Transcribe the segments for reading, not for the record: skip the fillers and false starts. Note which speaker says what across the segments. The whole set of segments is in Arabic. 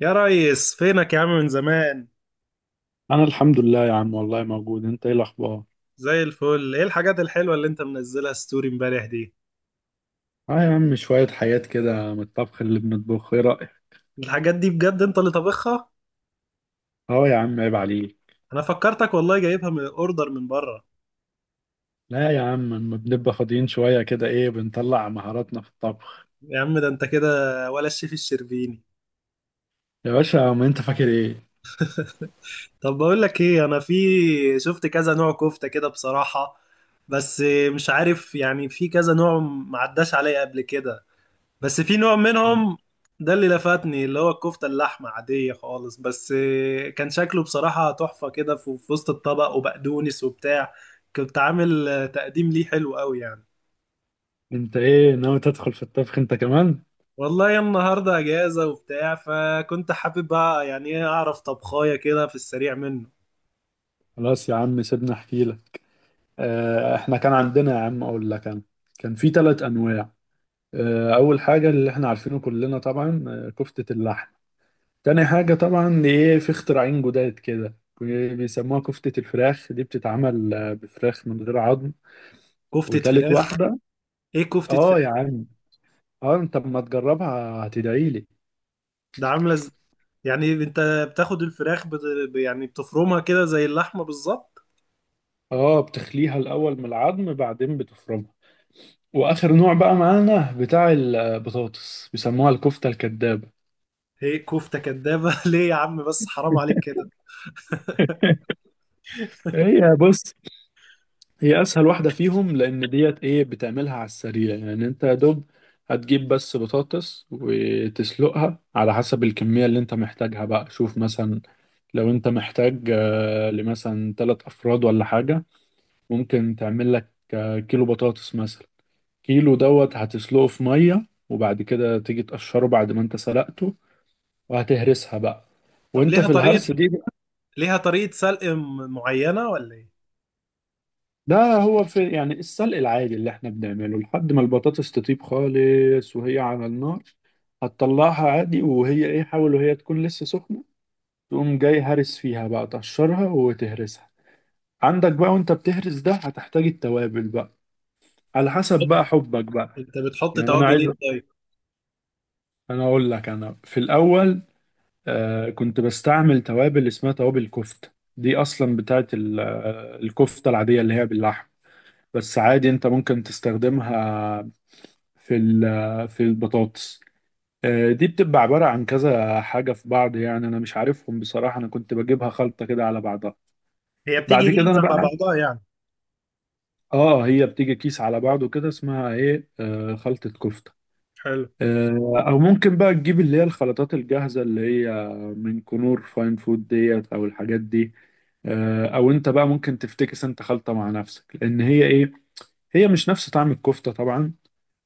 Speaker 1: يا ريس، فينك يا عم من زمان؟
Speaker 2: انا الحمد لله يا عم، والله موجود. انت ايه الاخبار؟
Speaker 1: زي الفل. ايه الحاجات الحلوة اللي انت منزلها ستوري امبارح دي؟
Speaker 2: اه يا عم، شوية حاجات كده من الطبخ اللي بنطبخه. ايه رأيك؟
Speaker 1: الحاجات دي بجد انت اللي طبخها؟
Speaker 2: اه يا عم، عيب عليك.
Speaker 1: انا فكرتك والله جايبها من اوردر من بره.
Speaker 2: لا يا عم، لما بنبقى فاضيين شوية كده ايه بنطلع مهاراتنا في الطبخ.
Speaker 1: يا عم ده انت كده ولا الشيف الشربيني؟
Speaker 2: يا باشا، ما انت فاكر ايه.
Speaker 1: طب بقول لك ايه، انا في شفت كذا نوع كفتة كده بصراحة، بس مش عارف يعني، في كذا نوع معداش عليا قبل كده، بس في نوع منهم ده اللي لفتني، اللي هو الكفتة اللحمة عادية خالص، بس كان شكله بصراحة تحفة كده في وسط الطبق وبقدونس وبتاع. كنت عامل تقديم ليه حلو قوي يعني.
Speaker 2: انت ايه، ناوي تدخل في الطبخ انت كمان؟
Speaker 1: والله النهاردة أجازة وبتاع، فكنت حابب بقى يعني إيه أعرف طبخاية كده في السريع منه.
Speaker 2: خلاص يا عم سيبنا احكي لك. اه احنا كان عندنا يا عم، اقول لك انا، كان في ثلاث انواع. اه اول حاجة اللي احنا عارفينه كلنا طبعا، كفتة اللحم. تاني حاجة طبعا ايه، في اختراعين جداد كده بيسموها كفتة الفراخ، دي بتتعمل بفراخ من غير عظم.
Speaker 1: كفتة
Speaker 2: وتالت
Speaker 1: فراخ؟
Speaker 2: واحدة،
Speaker 1: إيه كفتة
Speaker 2: اه يا
Speaker 1: فراخ؟
Speaker 2: عم. اه انت اما تجربها هتدعيلي.
Speaker 1: ده عاملة يعني أنت بتاخد الفراخ يعني بتفرمها كده زي اللحمة بالظبط؟
Speaker 2: اه بتخليها الأول من العظم بعدين بتفرمها. وآخر نوع بقى معانا بتاع البطاطس، بيسموها الكفتة الكدابة.
Speaker 1: هي كفتة كدابة. ليه يا عم بس، حرام عليك كده.
Speaker 2: هي بص، هي اسهل واحده فيهم، لان ديت ايه، بتعملها على السريع، يعني انت يا دوب هتجيب بس بطاطس وتسلقها على حسب الكميه اللي انت محتاجها بقى. شوف مثلا لو انت محتاج لمثلا ثلاث افراد ولا حاجه، ممكن تعمل لك كيلو بطاطس مثلا. كيلو دوت هتسلقه في ميه، وبعد كده تيجي تقشره بعد ما انت سلقته، وهتهرسها بقى.
Speaker 1: طب
Speaker 2: وانت
Speaker 1: ليها
Speaker 2: في
Speaker 1: طريقة،
Speaker 2: الهرس دي،
Speaker 1: ليها طريقة سلق معينة ولا ايه؟
Speaker 2: ده هو في يعني السلق العادي اللي احنا بنعمله لحد ما البطاطس تطيب خالص وهي على النار. هتطلعها عادي وهي ايه، حاول وهي تكون لسه سخنة، تقوم جاي هرس فيها بقى، تقشرها وتهرسها. عندك بقى وانت بتهرس، ده هتحتاج التوابل بقى على حسب بقى حبك بقى.
Speaker 1: انت بتحط
Speaker 2: يعني انا
Speaker 1: توابل
Speaker 2: عايز،
Speaker 1: ايه طيب؟
Speaker 2: اقول لك، انا في الاول آه كنت بستعمل توابل اسمها توابل كفتة. دي اصلا بتاعت الكفتة العادية اللي هي باللحم، بس عادي انت ممكن تستخدمها في البطاطس. آه، دي بتبقى عبارة عن كذا حاجة في بعض. يعني أنا مش عارفهم بصراحة، أنا كنت بجيبها خلطة كده على بعضها.
Speaker 1: هي
Speaker 2: بعد
Speaker 1: بتيجي
Speaker 2: كده أنا
Speaker 1: جاهزة على
Speaker 2: بقى،
Speaker 1: بعضها يعني؟
Speaker 2: آه هي بتيجي كيس على بعضه كده، اسمها إيه، خلطة كفتة.
Speaker 1: حلو.
Speaker 2: آه، أو ممكن بقى تجيب اللي هي الخلطات الجاهزة اللي هي من كنور فاين فود ديت أو الحاجات دي. آه، أو أنت بقى ممكن تفتكس أنت خلطة مع نفسك، لأن هي إيه، هي مش نفس طعم الكفتة طبعا.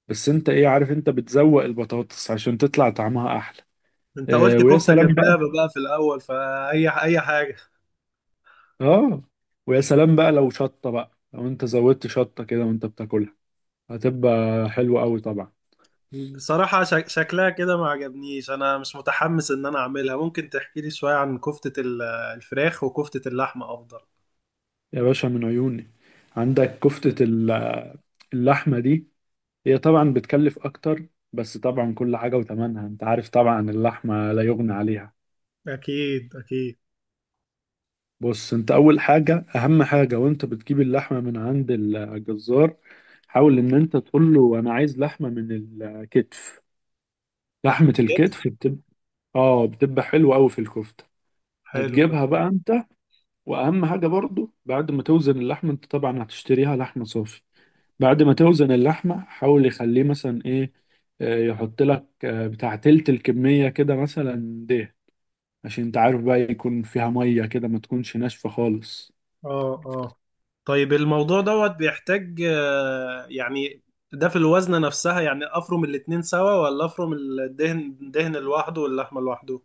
Speaker 2: بس أنت إيه عارف، أنت بتزوق البطاطس عشان تطلع طعمها أحلى.
Speaker 1: انت
Speaker 2: آه،
Speaker 1: قلت
Speaker 2: ويا
Speaker 1: كفتة
Speaker 2: سلام بقى.
Speaker 1: كدابة بقى في الأول، فأي أي حاجة؟
Speaker 2: اه ويا سلام بقى، لو شطة بقى، لو انت زودت شطة كده وانت بتاكلها هتبقى حلوة قوي طبعا.
Speaker 1: بصراحة شكلها كده ما عجبنيش، أنا مش متحمس إن أنا أعملها. ممكن تحكي لي شوية عن كفتة الفراخ، وكفتة اللحمة أفضل؟
Speaker 2: يا باشا من عيوني. عندك اللحمة دي، هي طبعا بتكلف اكتر، بس طبعا كل حاجة وتمنها، انت عارف طبعا اللحمة لا يغنى عليها.
Speaker 1: أكيد أكيد.
Speaker 2: بص انت، اول حاجة اهم حاجة وانت بتجيب اللحمة من عند الجزار، حاول ان انت تقول له انا عايز لحمة من الكتف.
Speaker 1: لحمة
Speaker 2: لحمة
Speaker 1: كتف.
Speaker 2: الكتف بتبقى اه بتبقى حلوة قوي في الكفتة.
Speaker 1: حلو.
Speaker 2: هتجيبها بقى انت. واهم حاجه برضو، بعد ما توزن اللحمه، انت طبعا هتشتريها لحمه صافي. بعد ما توزن اللحمه، حاول يخليه مثلا ايه، يحط لك بتاع تلت الكميه كده مثلا ده، عشان انت عارف بقى يكون فيها ميه كده، ما تكونش ناشفه خالص.
Speaker 1: اه، اه. طيب الموضوع دوت بيحتاج يعني، ده في الوزنة نفسها يعني افرم الاتنين سوا، ولا افرم الدهن دهن لوحده واللحمة لوحده؟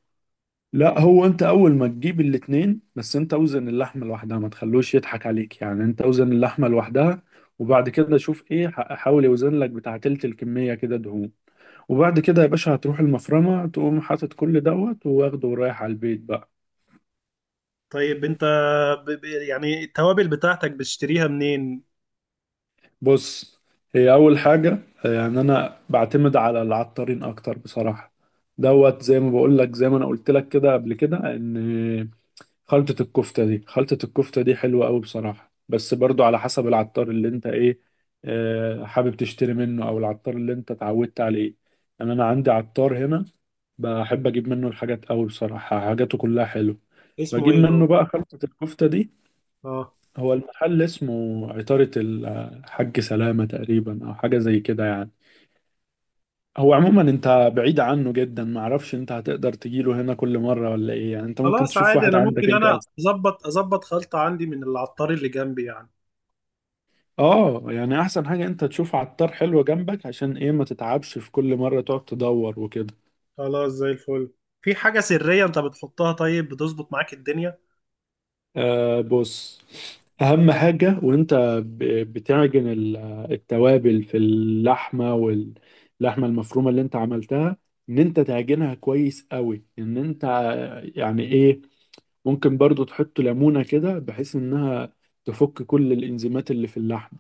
Speaker 2: لا، هو انت اول ما تجيب الاتنين، بس انت اوزن اللحمه لوحدها، ما تخلوش يضحك عليك، يعني انت اوزن اللحمه لوحدها. وبعد كده شوف ايه، حاول يوزن لك بتاع تلت الكميه كده دهون. وبعد كده يا باشا هتروح المفرمة، تقوم حاطط كل دوت واخده ورايح على البيت بقى.
Speaker 1: طيب انت، يعني التوابل بتاعتك بتشتريها منين؟
Speaker 2: بص هي أول حاجة، يعني أنا بعتمد على العطارين أكتر بصراحة. دوت زي ما بقول لك، زي ما أنا قلت لك كده قبل كده، إن خلطة الكفتة دي، خلطة الكفتة دي حلوة أوي بصراحة، بس برضو على حسب العطار اللي أنت إيه، حابب تشتري منه، أو العطار اللي أنت اتعودت عليه. يعني أنا عندي عطار هنا بحب اجيب منه الحاجات قوي بصراحة، حاجاته كلها حلوة.
Speaker 1: اسمه
Speaker 2: بجيب
Speaker 1: ايه
Speaker 2: منه
Speaker 1: هو؟
Speaker 2: بقى خلطة الكفتة دي.
Speaker 1: اه.
Speaker 2: هو المحل اسمه عطارة الحاج سلامة تقريبا، او حاجة زي كده يعني. هو عموما انت بعيد عنه جدا، معرفش انت هتقدر تجيله هنا كل مرة ولا ايه. يعني انت ممكن
Speaker 1: خلاص
Speaker 2: تشوف
Speaker 1: عادي،
Speaker 2: واحد
Speaker 1: انا
Speaker 2: عندك
Speaker 1: ممكن
Speaker 2: انت أسهل.
Speaker 1: اظبط خلطة عندي من العطار اللي جنبي يعني.
Speaker 2: اه، يعني احسن حاجة انت تشوف عطار حلو جنبك، عشان ايه ما تتعبش في كل مرة تقعد تدور وكده.
Speaker 1: خلاص زي الفل. في حاجة سرية انت بتحطها طيب بتظبط معاك الدنيا؟
Speaker 2: آه بص، أهم حاجة وأنت بتعجن التوابل في اللحمة، واللحمة المفرومة اللي أنت عملتها، إن أنت تعجنها كويس قوي. إن أنت يعني إيه، ممكن برضو تحط ليمونة كده، بحيث إنها تفك كل الإنزيمات اللي في اللحمة،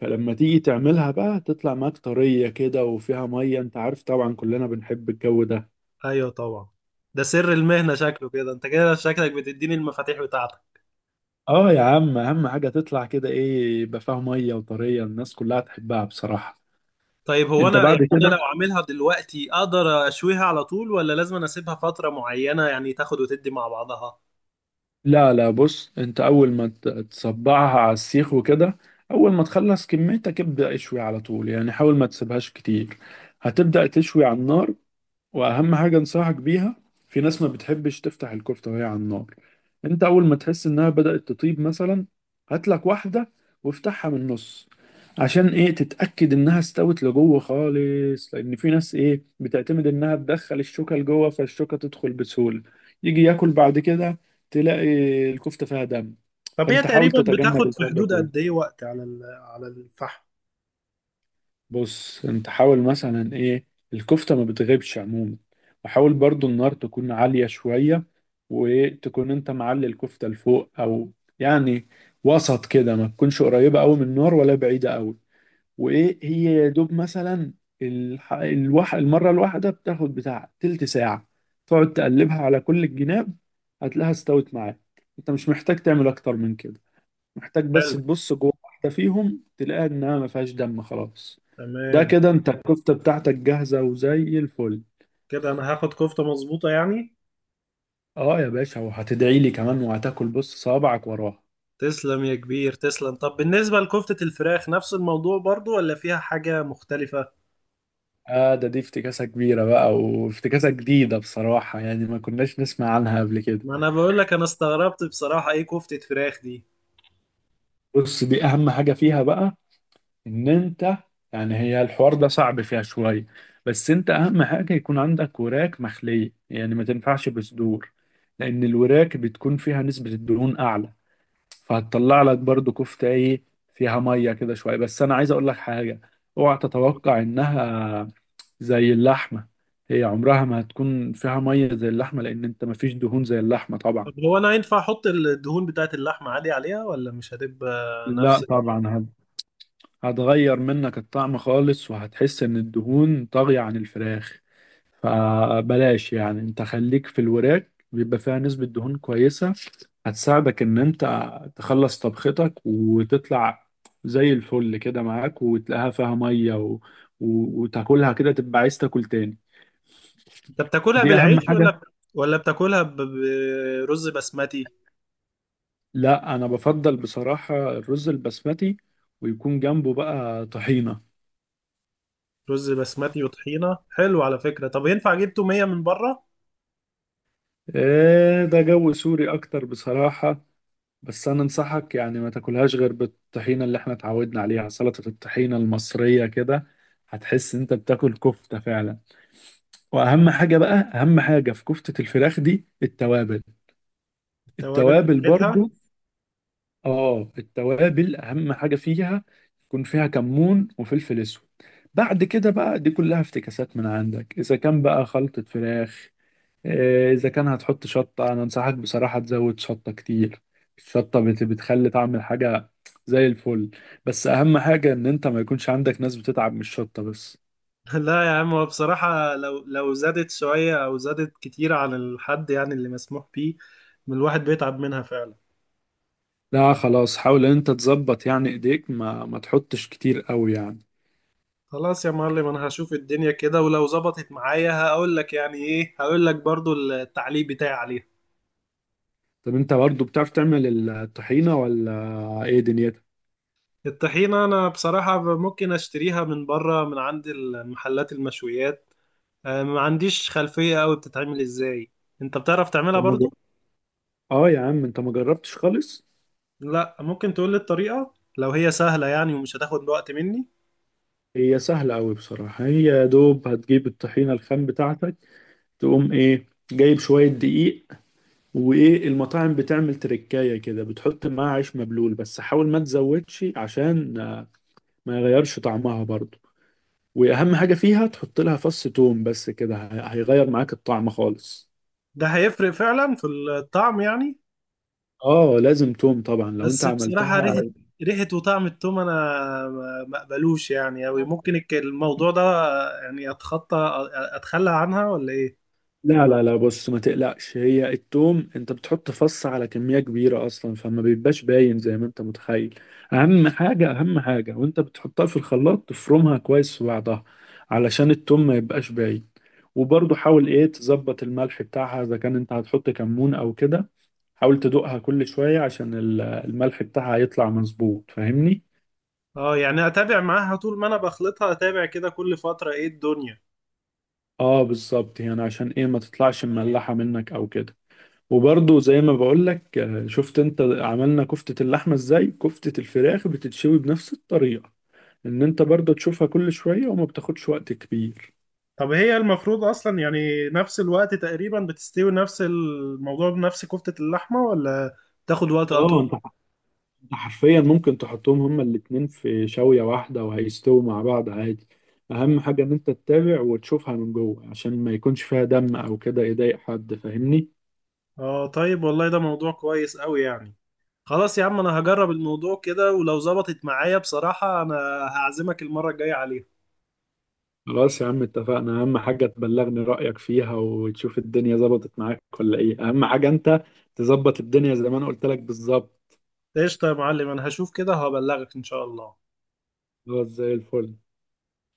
Speaker 2: فلما تيجي تعملها بقى تطلع معاك طرية كده وفيها مية، أنت عارف طبعا كلنا بنحب الجو ده.
Speaker 1: ايوه طبعا. ده سر المهنة شكله كده، انت كده شكلك بتديني المفاتيح بتاعتك.
Speaker 2: آه يا عم، أهم حاجة تطلع كده إيه، يبقى فيها مية وطرية، الناس كلها تحبها بصراحة.
Speaker 1: طيب هو
Speaker 2: انت
Speaker 1: انا،
Speaker 2: بعد
Speaker 1: يعني انا
Speaker 2: كده،
Speaker 1: لو عاملها دلوقتي اقدر اشويها على طول، ولا لازم أنا اسيبها فترة معينة يعني تاخد وتدي مع بعضها؟
Speaker 2: لا بص، انت اول ما تصبعها على السيخ وكده، اول ما تخلص كميتك ابدأ اشوي على طول، يعني حاول ما تسيبهاش كتير. هتبدأ تشوي على النار. واهم حاجه انصحك بيها، في ناس ما بتحبش تفتح الكفته وهي على النار. انت اول ما تحس انها بدات تطيب مثلا، هات لك واحده وافتحها من النص، عشان ايه تتاكد انها استوت لجوه خالص، لان في ناس ايه بتعتمد انها تدخل الشوكه لجوه، فالشوكه تدخل بسهوله، يجي ياكل بعد كده تلاقي الكفته فيها دم.
Speaker 1: طب هي
Speaker 2: فانت حاول
Speaker 1: تقريبا
Speaker 2: تتجنب
Speaker 1: بتاخد في
Speaker 2: الحوار ده
Speaker 1: حدود
Speaker 2: كله.
Speaker 1: قد ايه وقت على على الفحم؟
Speaker 2: بص انت حاول مثلا ايه، الكفتة ما بتغيبش عموما، وحاول برضو النار تكون عالية شوية، وتكون انت معلي الكفتة لفوق او يعني وسط كده، ما تكونش قريبة قوي من النار ولا بعيدة قوي. وايه هي يا دوب مثلا، المرة الواحدة بتاخد بتاع تلت ساعة، تقعد تقلبها على كل الجناب، هتلاقيها استوت معاك. انت مش محتاج تعمل اكتر من كده، محتاج بس
Speaker 1: حلو.
Speaker 2: تبص جوه واحدة فيهم تلاقيها إنها ما فيهاش دم خلاص. ده
Speaker 1: تمام.
Speaker 2: كده أنت الكفتة بتاعتك جاهزة وزي الفل.
Speaker 1: كده انا هاخد كفتة مظبوطة يعني؟
Speaker 2: أه يا باشا، وهتدعي لي كمان وهتاكل بص صوابعك وراها.
Speaker 1: تسلم يا كبير تسلم. طب بالنسبة لكفتة الفراخ نفس الموضوع برضو، ولا فيها حاجة مختلفة؟
Speaker 2: آه ده دي افتكاسة كبيرة بقى، وافتكاسة جديدة بصراحة، يعني ما كناش نسمع عنها قبل كده.
Speaker 1: ما انا بقول لك انا استغربت بصراحة، ايه كفتة فراخ دي؟
Speaker 2: بص دي أهم حاجة فيها بقى، إن أنت يعني، هي الحوار ده صعب فيها شوية، بس أنت أهم حاجة يكون عندك وراك مخلية، يعني ما تنفعش بصدور، لأن الوراك بتكون فيها نسبة الدهون أعلى، فهتطلع لك برضو كفتة ايه فيها مية كده شوية. بس انا عايز اقول لك حاجة، اوعى تتوقع انها زي اللحمة. هي عمرها ما هتكون فيها مية زي اللحمة، لان انت مفيش دهون زي اللحمة طبعا.
Speaker 1: طب هو انا ينفع احط الدهون بتاعت اللحمة عادي عليها، ولا مش هتبقى
Speaker 2: لا
Speaker 1: نفس؟
Speaker 2: طبعا هتغير منك الطعم خالص، وهتحس ان الدهون طاغية عن الفراخ، فبلاش، يعني انت خليك في الوراك بيبقى فيها نسبة دهون كويسة، هتساعدك ان انت تخلص طبختك وتطلع زي الفل كده معاك، وتلاقيها فيها ميه وتاكلها كده تبقى عايز تاكل تاني.
Speaker 1: انت بتاكلها
Speaker 2: دي اهم
Speaker 1: بالعيش،
Speaker 2: حاجه.
Speaker 1: ولا ولا بتاكلها برز بسمتي؟
Speaker 2: لا انا بفضل بصراحه الرز البسمتي، ويكون جنبه بقى طحينه.
Speaker 1: رز بسمتي وطحينه، حلو على فكره. طب ينفع اجيب توميه من بره؟
Speaker 2: ايه ده، جو سوري اكتر بصراحه. بس انا انصحك يعني ما تاكلهاش غير بالطحينه اللي احنا اتعودنا عليها، سلطه الطحينه المصريه كده، هتحس انت بتاكل كفته فعلا. واهم حاجه بقى، اهم حاجه في كفته الفراخ دي التوابل.
Speaker 1: التوابل
Speaker 2: التوابل
Speaker 1: بتاعتها؟
Speaker 2: برضو. اه التوابل اهم حاجه فيها، يكون فيها كمون وفلفل اسود. بعد كده بقى دي كلها افتكاسات من عندك اذا كان بقى خلطه فراخ. آه، اذا كان هتحط شطه، انا انصحك بصراحه تزود شطه كتير. الشطه بتخلي طعم الحاجه زي الفل. بس اهم حاجه ان انت ما يكونش عندك ناس بتتعب من الشطه بس.
Speaker 1: لا يا عم، هو بصراحه لو زادت شويه او زادت كتير عن الحد يعني اللي مسموح بيه من الواحد، بيتعب منها فعلا.
Speaker 2: لا خلاص، حاول ان انت تظبط، يعني ايديك ما تحطش كتير قوي يعني.
Speaker 1: خلاص يا معلم، انا هشوف الدنيا كده، ولو ظبطت معايا هقول لك يعني ايه، هقول لك برضو التعليق بتاعي عليها.
Speaker 2: طب انت برضو بتعرف تعمل الطحينة ولا؟ ايه دنيتك.
Speaker 1: الطحينه انا بصراحه ممكن اشتريها من بره، من عند المحلات المشويات. ما عنديش خلفية قوي بتتعمل ازاي. انت بتعرف تعملها
Speaker 2: طب ما ج-
Speaker 1: برضو؟
Speaker 2: اه يا عم انت ما جربتش خالص.
Speaker 1: لا، ممكن تقول لي الطريقة لو هي سهلة يعني ومش هتاخد وقت مني.
Speaker 2: هي سهلة قوي بصراحة، هي يا دوب هتجيب الطحينة الخام بتاعتك، تقوم ايه جايب شوية دقيق، وايه، المطاعم بتعمل تركاية كده، بتحط معاها عيش مبلول، بس حاول ما تزودش عشان ما يغيرش طعمها برضو. واهم حاجة فيها تحط لها فص توم، بس كده هيغير معاك الطعم خالص.
Speaker 1: ده هيفرق فعلا في الطعم يعني؟
Speaker 2: اه لازم توم طبعا لو انت
Speaker 1: بس بصراحة،
Speaker 2: عملتها.
Speaker 1: ريحة وطعم التوم انا ما اقبلوش يعني قوي، ممكن الموضوع ده يعني اتخطى اتخلى عنها ولا ايه؟
Speaker 2: لا بص، ما تقلقش، هي التوم انت بتحط فص على كمية كبيرة اصلا، فما بيبقاش باين زي ما انت متخيل. اهم حاجة وانت بتحطها في الخلاط تفرمها كويس في بعضها، علشان التوم ما يبقاش باين. وبرضه حاول ايه تظبط الملح بتاعها، اذا كان انت هتحط كمون او كده حاول تدوقها كل شوية، عشان الملح بتاعها يطلع مظبوط، فاهمني.
Speaker 1: اه، يعني اتابع معاها طول ما انا بخلطها، اتابع كده كل فترة ايه الدنيا؟
Speaker 2: اه بالظبط، يعني عشان ايه ما تطلعش مملحة منك او كده. وبرضه زي ما بقولك آه، شفت انت عملنا كفتة اللحمة ازاي، كفتة الفراخ بتتشوي بنفس الطريقة، ان انت برضه تشوفها كل شوية وما بتاخدش وقت كبير.
Speaker 1: طب هي المفروض اصلا يعني نفس الوقت تقريبا بتستوي نفس الموضوع بنفس كفتة اللحمة، ولا تاخد وقت
Speaker 2: اه
Speaker 1: اطول؟
Speaker 2: انت، انت حرفيا ممكن تحطهم هما الاتنين في شوية واحدة وهيستووا مع بعض عادي. اهم حاجة ان انت تتابع وتشوفها من جوه عشان ما يكونش فيها دم او كده يضايق حد، فاهمني.
Speaker 1: اه طيب، والله ده موضوع كويس قوي يعني. خلاص يا عم، انا هجرب الموضوع كده، ولو ظبطت معايا بصراحة انا هعزمك المرة الجاية عليها.
Speaker 2: خلاص يا عم اتفقنا، اهم حاجة تبلغني رأيك فيها، وتشوف الدنيا ظبطت معاك ولا ايه، اهم حاجة انت تظبط الدنيا زي ما انا قلت لك بالظبط.
Speaker 1: قشطة يا معلم، انا هشوف كده وهبلغك ان شاء الله.
Speaker 2: اه زي الفل.